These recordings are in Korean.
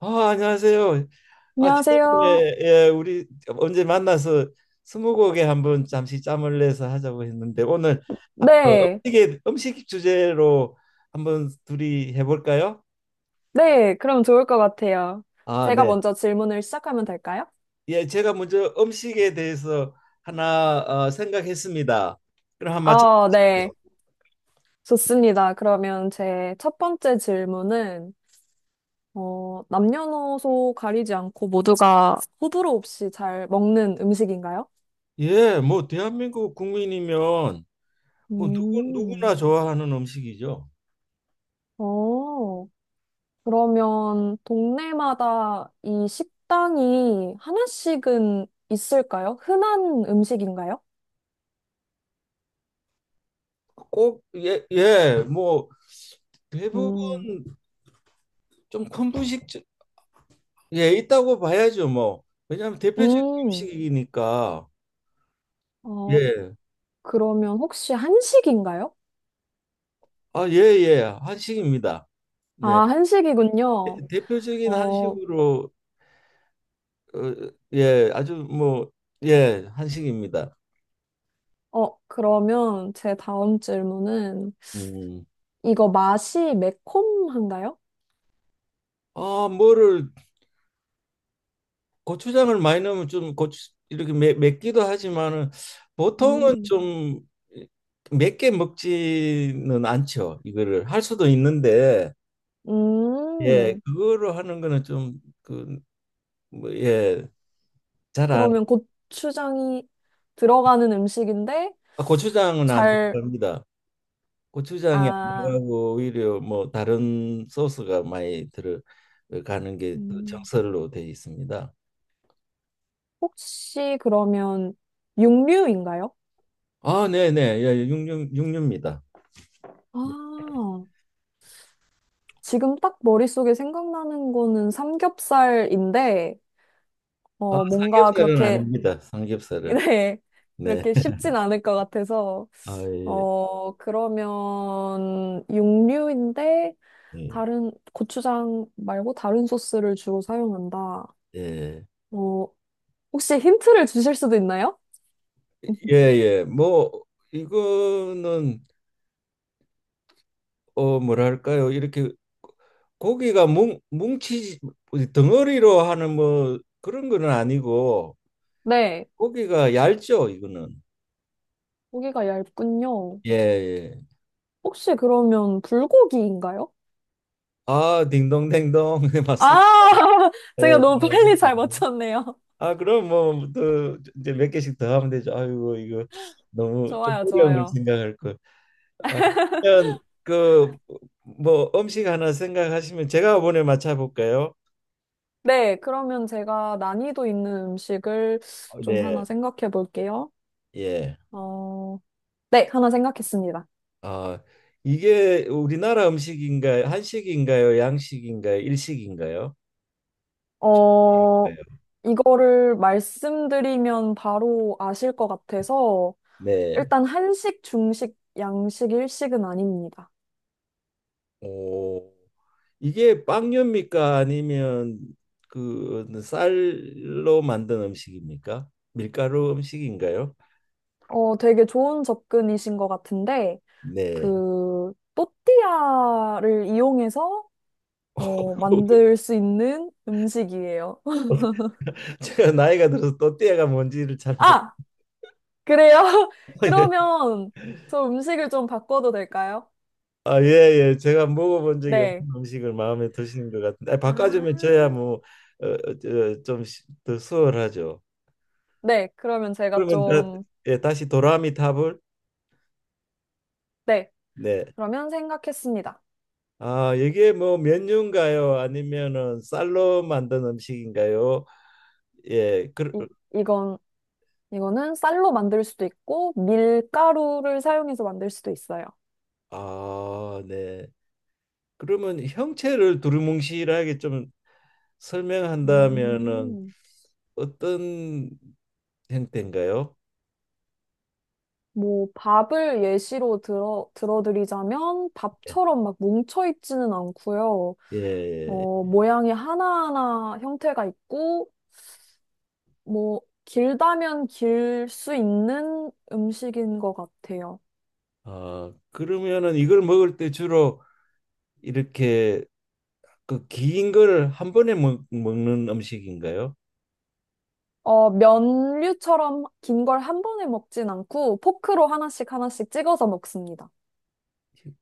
아, 안녕하세요. 아, 지난번에 안녕하세요. 예, 우리 언제 만나서 스무고개 한번 잠시 짬을 내서 하자고 했는데 오늘 아, 어, 네, 음식 주제로 한번 둘이 해볼까요? 네, 그럼 좋을 것 같아요. 아, 제가 네. 먼저 질문을 시작하면 될까요? 예, 제가 먼저 음식에 대해서 하나 생각했습니다. 그럼 한번 네, 맞춰보시죠. 좋습니다. 그러면 제 첫 번째 질문은, 남녀노소 가리지 않고 모두가 호불호 없이 잘 먹는 음식인가요? 예, 뭐 대한민국 국민이면 뭐 누구나 음. 좋아하는 음식이죠. 어, 그러면 동네마다 이 식당이 하나씩은 있을까요? 흔한 음식인가요? 꼭 예, 예, 뭐 대부분 음. 좀 큰 분식 예 있다고 봐야죠. 뭐 왜냐하면 대표적인 음. 음식이니까 어, 예. 그러면 혹시 한식인가요? 아 예 예 한식입니다. 네. 아, 한식이군요. 대표적인 어, 한식으로, 어, 예 아주 뭐 예 한식입니다. 그러면 제 다음 질문은 음. 이거 맛이 매콤한가요? 아 뭐를, 고추장을 많이 넣으면 좀 고추 이렇게 맵기도 하지만은 보통은 음. 좀 맵게 먹지는 않죠. 이거를 할 수도 있는데 예, 음. 그거로 하는 거는 좀그 뭐, 예, 잘 안, 그러면 고추장이 들어가는 음식인데 아, 고추장은 안 잘, 들어갑니다. 고추장이 안 아, 들어가고 오히려 뭐 다른 소스가 많이 들어가는 게또 음, 정설로 되어 있습니다. 혹시 그러면 육류인가요? 아, 네, 네, 예, 예. 육류입니다. 아, 지금 딱 머릿속에 생각나는 거는 삼겹살인데, 아, 뭔가 삼겹살은 그렇게 아닙니다. 삼겹살은 네. 네, 이렇게 쉽진 않을 것 같아서, 아, 예, 그러면 육류인데 예, 다른 고추장 말고 다른 소스를 주로 사용한다. 예, 어, 혹시 힌트를 주실 수도 있나요? 예, 예. 뭐 이거는 어 뭐랄까요? 이렇게 고기가 뭉 뭉치 덩어리로 하는 뭐 그런 거는 아니고. 네. 고기가 얇죠, 이거는. 고기가 얇군요. 예, 예. 혹시 그러면 불고기인가요? 아, 딩동댕동. 아, 맞습니다. 제가 예, 너무 잘 맞으 빨리 습니잘 다 맞췄네요. 아, 그럼 뭐, 또, 이제 몇 개씩 더 하면 되죠. 아이고, 이거 너무 좀 좋아요, 어려운 걸 좋아요. 생각할 거. 아, 그러면 그, 뭐, 음식 하나 생각하시면 제가 이번에 맞춰볼까요? 네, 그러면 제가 난이도 있는 음식을 어, 좀 네, 하나 생각해 볼게요. 예. 어, 네, 하나 생각했습니다. 아, 이게 우리나라 음식인가요? 한식인가요? 양식인가요? 일식인가요? 어, 네. 이거를 말씀드리면 바로 아실 것 같아서, 네. 일단 한식, 중식, 양식, 일식은 아닙니다. 오. 이게 빵류입니까? 아니면 그 쌀로 만든 음식입니까? 밀가루 음식인가요? 되게 좋은 접근이신 것 같은데, 네. 그, 또띠아를 이용해서, 만들 수 있는 음식이에요. 제가 나이가 들어서 또띠아가 뭔지를 잘 못. 아! 그래요? 예. 그러면 저 음식을 좀 바꿔도 될까요? 아, 예, 예. 제가 먹어본 적이 네. 없는 음식을 마음에 드시는 것 같은데, 아, 바꿔주면 아. 저야 뭐, 좀더 수월하죠. 네, 그러면 제가 그러면 다, 좀, 예, 다시 도라미 탑을. 네. 네. 그러면 생각했습니다. 아, 이게 뭐 면류인가요? 아니면은 쌀로 만든 음식인가요? 예, 그, 이, 이건, 이거는 쌀로 만들 수도 있고, 밀가루를 사용해서 만들 수도 있어요. 아, 네. 그러면 형체를 두루뭉실하게 좀 설명한다면은 음, 어떤 형태인가요? 뭐, 밥을 예시로 들어, 들어드리자면, 밥처럼 막 뭉쳐있지는 않고요. 예. 예. 모양이 하나하나 형태가 있고, 뭐, 길다면 길 수 있는 음식인 것 같아요. 아, 그러면은 이걸 먹을 때 주로 이렇게 그 긴 거를 한 번에 먹는 음식인가요? 면류처럼 긴 걸 한 번에 먹진 않고, 포크로 하나씩 하나씩 찍어서 먹습니다.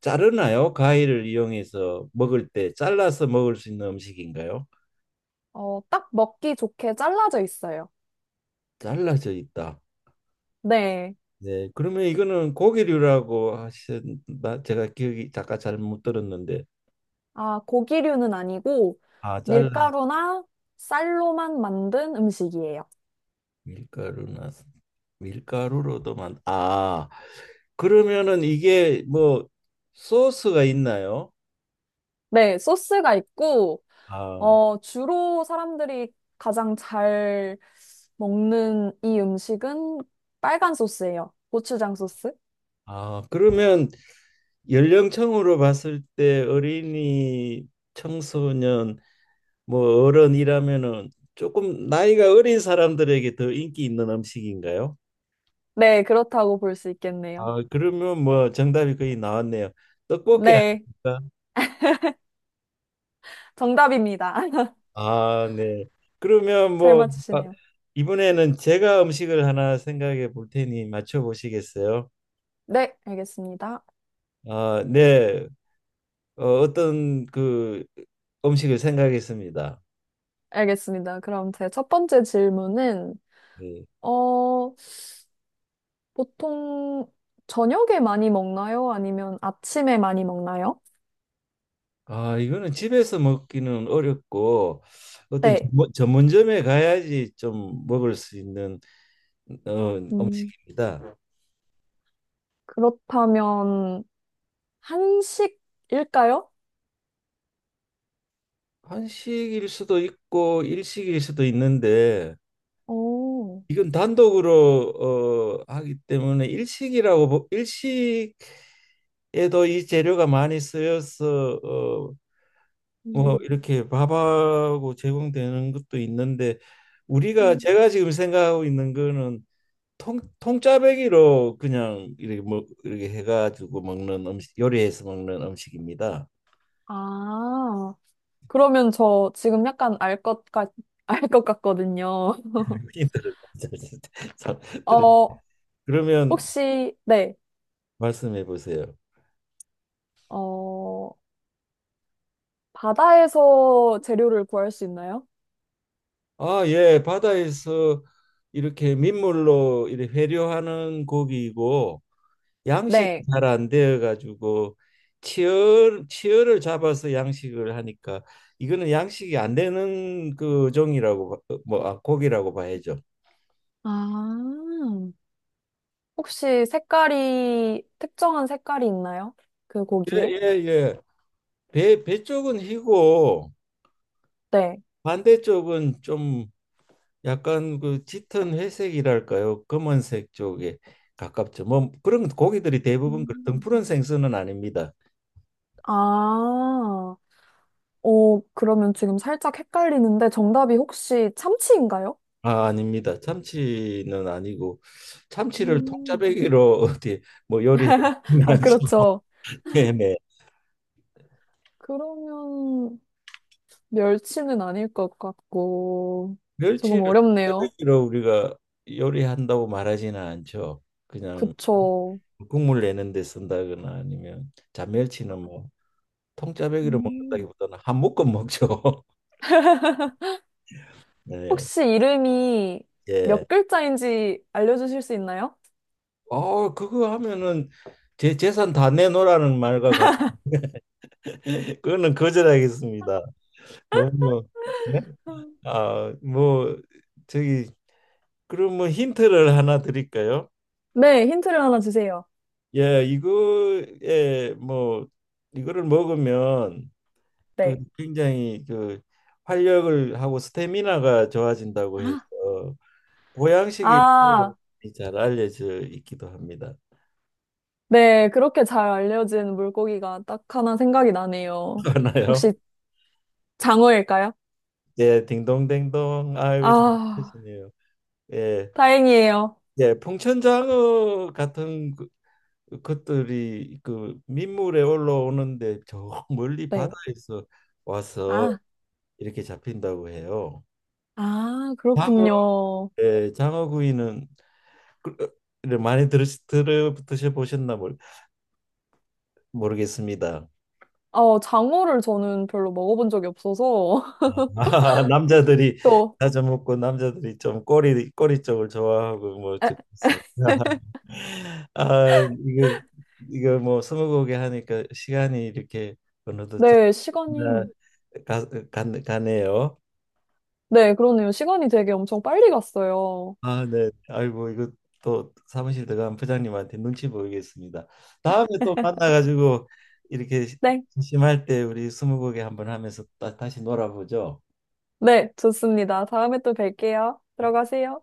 자르나요? 가위를 이용해서 먹을 때 잘라서 먹을 수 있는 음식인가요? 딱 먹기 좋게 잘라져 있어요. 잘라져 있다. 네. 네. 그러면 이거는 고기류라고 하셨나? 제가 기억이 잠깐 잘 못 들었는데, 아, 고기류는 아니고 아, 잘라서 밀가루나 쌀로만 만든 음식이에요. 밀가루나 밀가루로도 만. 아, 그러면은 이게 뭐 소스가 있나요? 네, 소스가 있고, 아, 주로 사람들이 가장 잘 먹는 이 음식은 빨간 소스예요. 고추장 소스? 아, 그러면 연령층으로 봤을 때 어린이, 청소년, 뭐 어른이라면은 조금 나이가 어린 사람들에게 더 인기 있는 음식인가요? 네, 그렇다고 볼 수 있겠네요. 아, 그러면 뭐 정답이 거의 나왔네요. 떡볶이 네, 아닙니까? 정답입니다. 아, 네. 그러면 잘 뭐, 아, 맞추시네요. 이번에는 제가 음식을 하나 생각해 볼 테니 맞춰 보시겠어요? 네, 알겠습니다. 아, 네. 어, 어떤 그 음식을 생각했습니다. 알겠습니다. 그럼 제 첫 번째 질문은, 네. 어, 보통 저녁에 많이 먹나요? 아니면 아침에 많이 먹나요? 아, 이거는 집에서 먹기는 어렵고 어떤 네. 전문점에 가야지 좀 먹을 수 있는 어, 음, 음식입니다. 그렇다면 한식일까요? 한식일 수도 있고 일식일 수도 있는데 오. 이건 단독으로 어, 하기 때문에 일식이라고 일식에도 이 재료가 많이 쓰여서 어, 뭐 음. 이렇게 밥하고 제공되는 것도 있는데 우리가 음. 제가 지금 생각하고 있는 거는 통 통짜배기로 그냥 이렇게 뭐 이렇게 해가지고 먹는 음식 요리해서 먹는 음식입니다. 아, 그러면 저 지금 약간 알 것 같, 알 것 같거든요. 흔히들 어, 그러면 혹시, 네, 말씀해 보세요. 어, 바다에서 재료를 구할 수 있나요? 아, 예, 바다에서 이렇게 민물로 이렇게 회류하는 고기이고 양식이 네. 잘 안 되어 가지고 치열을 잡아서 양식을 하니까 이거는 양식이 안 되는 그 종이라고 봐- 어, 뭐 아, 고기라고 봐야죠. 아. 혹시 색깔이, 특정한 색깔이 있나요? 그 예, 고기에? 예, 예. 배 쪽은 희고 네. 반대쪽은 좀 약간 그 짙은 회색이랄까요? 검은색 쪽에 가깝죠. 뭐 그런 고기들이 대부분 그 음. 등푸른 생선은 아닙니다. 아, 어, 그러면 지금 살짝 헷갈리는데 정답이 혹시 참치인가요? 아, 아닙니다. 참치는 아니고 참치를 음. 통짜배기로 어디 뭐 요리해 아, 그렇죠. 네네. 그러면 멸치는 아닐 것 같고, 조금 멸치를 어렵네요. 통짜배기로 우리가 요리한다고 말하지는 않죠. 그냥 그쵸. 국물 내는데 쓴다거나 아니면 잔멸치는 뭐 통짜배기로 음. 먹는다기보다는 한 묶음 먹죠. 네. 혹시 이름이 예. 몇 글자인지 알려주실 수 있나요? 어, 그거 하면은 제 재산 다 내놓으라는 말과 같. 그거는 거절하겠습니다. 너무 네. 아, 뭐 저기 그럼 뭐 힌트를 하나 드릴까요? 네, 힌트를 하나 주세요. 예, 이거에 뭐 이거를 먹으면 그 네. 굉장히 그 활력을 하고 스태미나가 좋아진다고 해서 보양식이 아, 잘 알려져 있기도 합니다. 네. 그렇게 잘 알려진 물고기가 딱 하나 생각이 나네요. 혹시 하나요? 장어일까요? 예, 딩동댕동. 아이고 잘 아, 드시네요. 예, 다행이에요. 예, 풍천장어 같은 그 것들이 그 민물에 올라오는데 저 멀리 네. 바다에서 와서 아, 이렇게 잡힌다고 해요. 아, 장어, 그렇군요. 예, 장어구이는 그- 를 많이 들어 드셔 보셨나 모르겠습니다. 장어를 저는 별로 먹어본 적이 없어서. 아, 남자들이 또, 자주 먹고 남자들이 좀 꼬리 쪽을 좋아하고 뭐 에, 듣습니다. 아 이거 이거 뭐 스무고개 하니까 시간이 이렇게 어느덧 잘 네, 시간이. 가, 가네요. 네, 그러네요. 시간이 되게 엄청 빨리 갔어요. 아, 네. 아이고, 이거 또 사무실 들어간 부장님한테 눈치 보이겠습니다. 다음에 또 만나가지고 이렇게 네. 심심할 때 우리 스무고개 한번 하면서 다시 놀아보죠. 네, 좋습니다. 다음에 또 뵐게요. 들어가세요.